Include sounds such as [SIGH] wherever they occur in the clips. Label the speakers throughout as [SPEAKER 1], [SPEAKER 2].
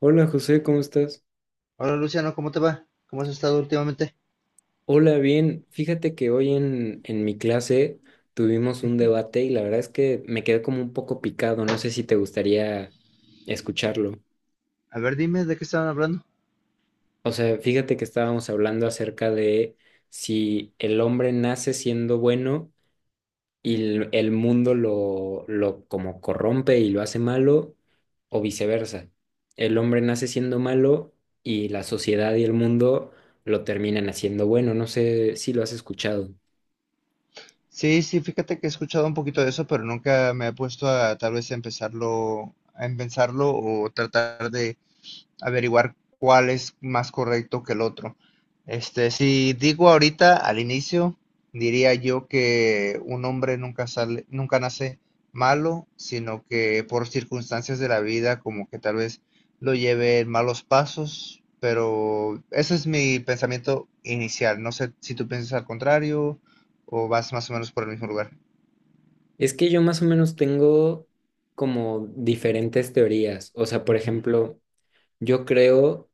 [SPEAKER 1] Hola José, ¿cómo estás?
[SPEAKER 2] Hola Luciano, ¿cómo te va? ¿Cómo has estado últimamente?
[SPEAKER 1] Hola, bien. Fíjate que hoy en mi clase tuvimos un debate y la verdad es que me quedé como un poco picado. No sé si te gustaría escucharlo.
[SPEAKER 2] A ver, dime de qué estaban hablando.
[SPEAKER 1] O sea, fíjate que estábamos hablando acerca de si el hombre nace siendo bueno y el mundo lo como corrompe y lo hace malo o viceversa. El hombre nace siendo malo y la sociedad y el mundo lo terminan haciendo bueno. No sé si lo has escuchado.
[SPEAKER 2] Sí, sí, fíjate que he escuchado un poquito de eso, pero nunca me he puesto a tal vez a empezarlo o tratar de averiguar cuál es más correcto que el otro. Si digo ahorita al inicio, diría yo que un hombre nunca nace malo, sino que por circunstancias de la vida, como que tal vez lo lleve en malos pasos, pero ese es mi pensamiento inicial. No sé si tú piensas al contrario o vas más o menos por el mismo lugar.
[SPEAKER 1] Es que yo más o menos tengo como diferentes teorías. O sea, por
[SPEAKER 2] Ujú.
[SPEAKER 1] ejemplo, yo creo,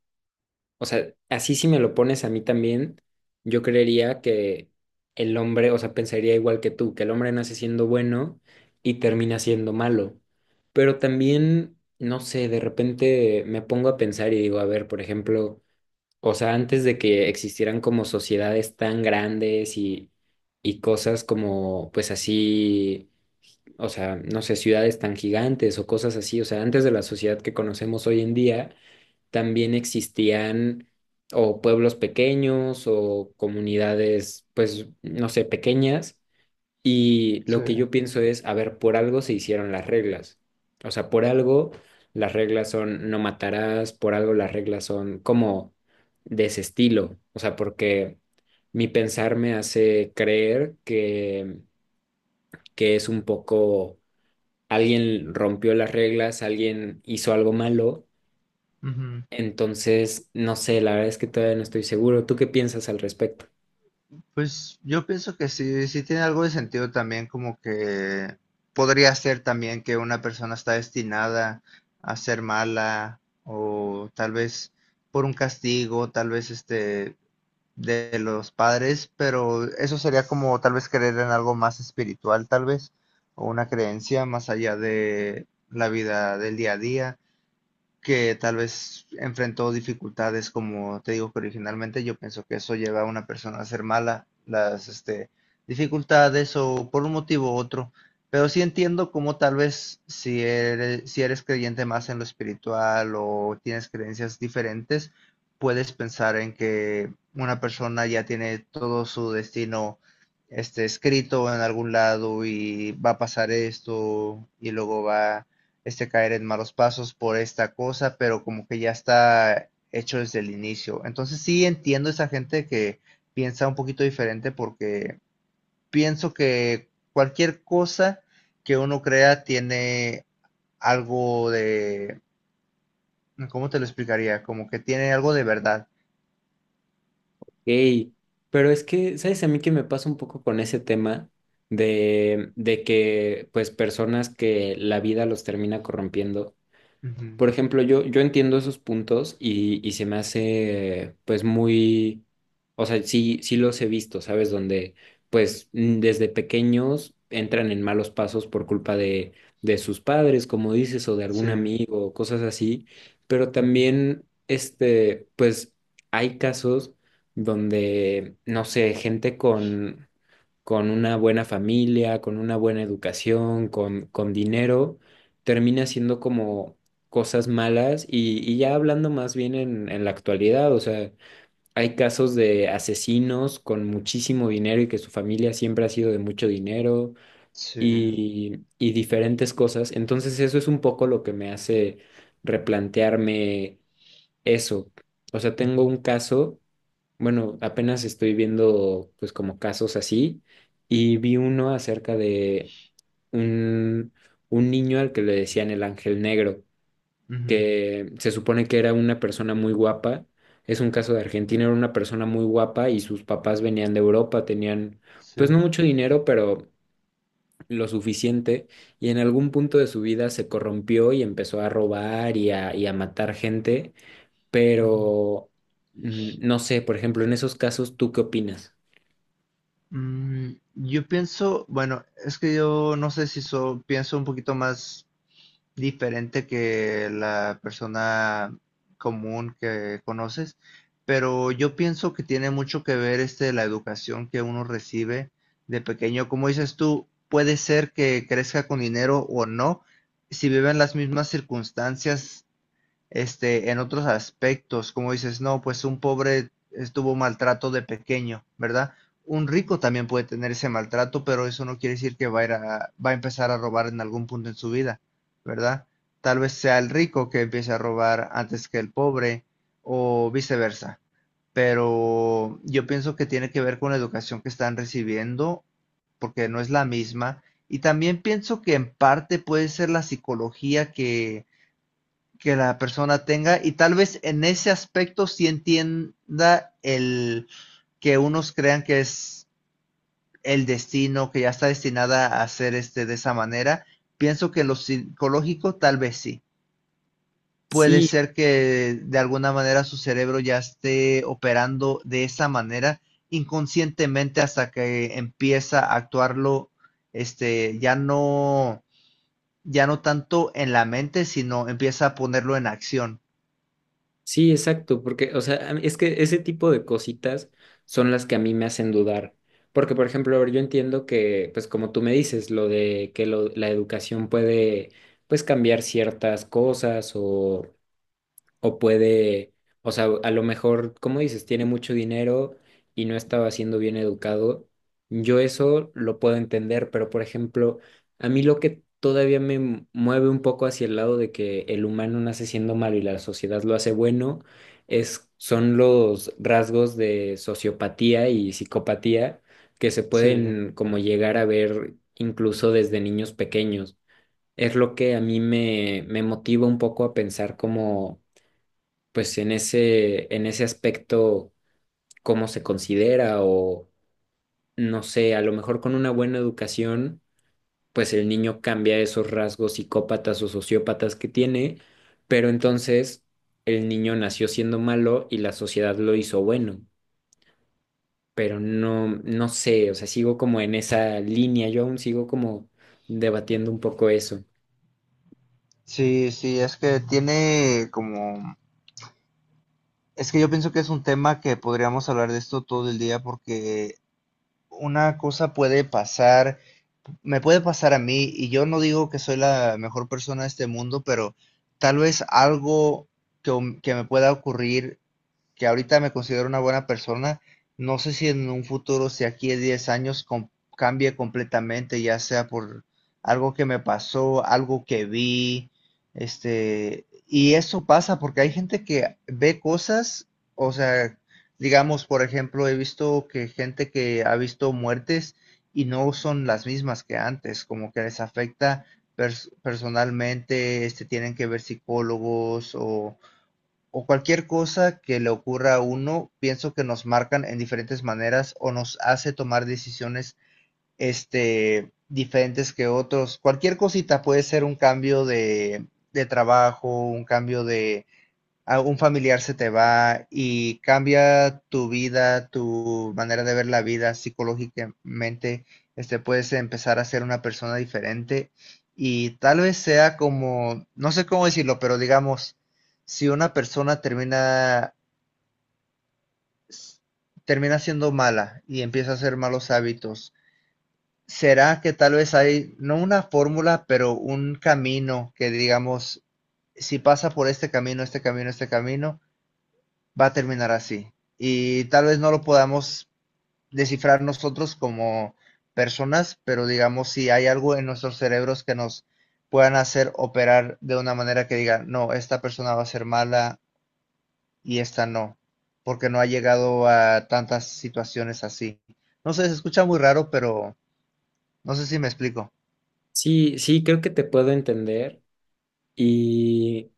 [SPEAKER 1] o sea, así si me lo pones a mí también, yo creería que el hombre, o sea, pensaría igual que tú, que el hombre nace siendo bueno y termina siendo malo. Pero también, no sé, de repente me pongo a pensar y digo, a ver, por ejemplo, o sea, antes de que existieran como sociedades tan grandes y cosas como, pues así, o sea, no sé, ciudades tan gigantes o cosas así, o sea, antes de la sociedad que conocemos hoy en día, también existían o pueblos pequeños o comunidades, pues, no sé, pequeñas. Y
[SPEAKER 2] Sí.
[SPEAKER 1] lo que yo pienso es, a ver, por algo se hicieron las reglas. O sea, por algo las reglas son no matarás, por algo las reglas son como de ese estilo. O sea, porque mi pensar me hace creer que es un poco alguien rompió las reglas, alguien hizo algo malo. Entonces, no sé, la verdad es que todavía no estoy seguro. ¿Tú qué piensas al respecto?
[SPEAKER 2] Pues yo pienso que sí, sí tiene algo de sentido también, como que podría ser también que una persona está destinada a ser mala o tal vez por un castigo, tal vez de los padres, pero eso sería como tal vez creer en algo más espiritual, tal vez, o una creencia más allá de la vida del día a día que tal vez enfrentó dificultades, como te digo que originalmente yo pienso que eso lleva a una persona a ser mala, las dificultades o por un motivo u otro, pero sí entiendo cómo tal vez si eres creyente más en lo espiritual o tienes creencias diferentes, puedes pensar en que una persona ya tiene todo su destino escrito en algún lado y va a pasar esto y luego va caer en malos pasos por esta cosa, pero como que ya está hecho desde el inicio. Entonces sí entiendo esa gente que piensa un poquito diferente porque pienso que cualquier cosa que uno crea tiene algo de, ¿cómo te lo explicaría? Como que tiene algo de verdad.
[SPEAKER 1] Ey, pero es que, ¿sabes? A mí que me pasa un poco con ese tema de que, pues, personas que la vida los termina corrompiendo.
[SPEAKER 2] Ujú.
[SPEAKER 1] Por ejemplo, yo entiendo esos puntos y se me hace pues muy, o sea, sí, sí los he visto, ¿sabes? Donde pues desde pequeños entran en malos pasos por culpa de sus padres, como dices, o de algún
[SPEAKER 2] Sí,
[SPEAKER 1] amigo, o cosas así. Pero
[SPEAKER 2] ujú,
[SPEAKER 1] también, este, pues hay casos donde, no sé, gente con una buena familia, con una buena educación, con dinero, termina siendo como cosas malas y ya hablando más bien en la actualidad, o sea, hay casos de asesinos con muchísimo dinero y que su familia siempre ha sido de mucho dinero
[SPEAKER 2] sí,
[SPEAKER 1] y diferentes cosas. Entonces eso es un poco lo que me hace replantearme eso. O sea, tengo
[SPEAKER 2] ujú,
[SPEAKER 1] un caso. Bueno, apenas estoy viendo pues como casos así y vi uno acerca de un, un niño al que le decían el Ángel Negro,
[SPEAKER 2] ujú,
[SPEAKER 1] que se supone que era una persona muy guapa, es un caso de Argentina, era una persona muy guapa y sus papás venían de Europa, tenían pues
[SPEAKER 2] sí,
[SPEAKER 1] no mucho dinero, pero lo suficiente y en algún punto de su vida se corrompió y empezó a robar y a matar gente,
[SPEAKER 2] ujú.
[SPEAKER 1] pero no sé, por ejemplo, en esos casos, ¿tú qué opinas?
[SPEAKER 2] Yo pienso, bueno, es que yo no sé si pienso un poquito más diferente que la persona común que conoces, pero yo pienso que tiene mucho que ver la educación que uno recibe de pequeño. Como dices tú, puede ser que crezca con dinero o no, si viven las mismas circunstancias en otros aspectos, como dices, no, pues un pobre estuvo maltrato de pequeño, ¿verdad? Un rico también puede tener ese maltrato, pero eso no quiere decir que va a empezar a robar en algún punto en su vida, ¿verdad? Tal vez sea el rico que empiece a robar antes que el pobre o viceversa, pero yo pienso que tiene que ver con la educación que están recibiendo, porque no es la misma, y también pienso que en parte puede ser la psicología que la persona tenga y tal vez en ese aspecto sí entienda el que unos crean que es el destino, que ya está destinada a ser de esa manera. Pienso que lo psicológico tal vez sí. Puede
[SPEAKER 1] Sí,
[SPEAKER 2] ser que de alguna manera su cerebro ya esté operando de esa manera inconscientemente hasta que empieza a actuarlo este ya no ya no tanto en la mente, sino empieza a ponerlo en acción.
[SPEAKER 1] sí, exacto, porque, o sea, a mí- es que ese tipo de cositas son las que a mí me hacen dudar. Porque, por ejemplo, a ver, yo entiendo que, pues como tú me dices, lo de que lo- la educación puede, pues, cambiar ciertas cosas o puede, o sea, a lo mejor, como dices, tiene mucho dinero y no estaba siendo bien educado. Yo eso lo puedo entender, pero por ejemplo, a mí lo que todavía me mueve un poco hacia el lado de que el humano nace siendo malo y la sociedad lo hace bueno, es, son los rasgos de sociopatía y psicopatía que se
[SPEAKER 2] Sí.
[SPEAKER 1] pueden como llegar a ver incluso desde niños pequeños. Es lo que a mí me motiva un poco a pensar como pues en ese aspecto, cómo se considera o no sé, a lo mejor con una buena educación, pues el niño cambia esos rasgos psicópatas o sociópatas que tiene, pero entonces el niño nació siendo malo y la sociedad lo hizo bueno, pero no, no sé, o sea, sigo como en esa línea, yo aún sigo como debatiendo un poco eso.
[SPEAKER 2] Sí, sí, es que tiene como, es que yo pienso que es un tema que podríamos hablar de esto todo el día porque una cosa puede pasar, me puede pasar a mí y yo no digo que soy la mejor persona de este mundo, pero tal vez algo que me pueda ocurrir, que ahorita me considero una buena persona, no sé si en un futuro, si aquí a 10 años cambie completamente, ya sea por algo que me pasó, algo que vi, y eso pasa porque hay gente que ve cosas, o sea, digamos, por ejemplo, he visto que gente que ha visto muertes y no son las mismas que antes, como que les afecta personalmente, tienen que ver psicólogos o cualquier cosa que le ocurra a uno, pienso que nos marcan en diferentes maneras o nos hace tomar decisiones diferentes que otros. Cualquier cosita puede ser un cambio de trabajo, a un familiar se te va y cambia tu vida, tu manera de ver la vida psicológicamente, puedes empezar a ser una persona diferente y tal vez sea como, no sé cómo decirlo, pero digamos, si una persona termina siendo mala y empieza a hacer malos hábitos, ¿será que tal vez hay, no una fórmula, pero un camino que digamos, si pasa por este camino, este camino, este camino, va a terminar así. Y tal vez no lo podamos descifrar nosotros como personas, pero digamos si hay algo en nuestros cerebros que nos puedan hacer operar de una manera que diga, no, esta persona va a ser mala y esta no, porque no ha llegado a tantas situaciones así. No sé, se escucha muy raro, pero no sé si me explico.
[SPEAKER 1] Sí, sí, creo que te puedo entender y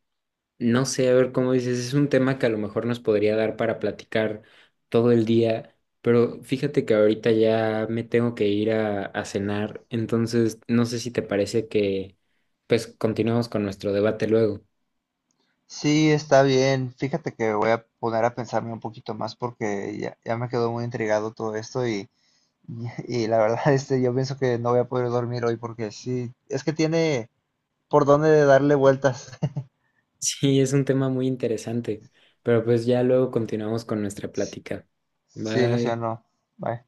[SPEAKER 1] no sé, a ver cómo dices, es un tema que a lo mejor nos podría dar para platicar todo el día, pero fíjate que ahorita ya me tengo que ir a cenar, entonces no sé si te parece que pues continuemos con nuestro debate luego. [LAUGHS]
[SPEAKER 2] Sí, está bien. Fíjate que voy a poner a pensarme un poquito más porque ya, ya me quedó muy intrigado todo esto y [LAUGHS] Y la verdad, yo pienso que no voy a poder dormir hoy porque sí, es que tiene por dónde darle vueltas. [LAUGHS]
[SPEAKER 1] Sí, es un tema muy interesante, pero pues ya luego continuamos con nuestra plática.
[SPEAKER 2] Sí,
[SPEAKER 1] Bye.
[SPEAKER 2] Luciano. Bye.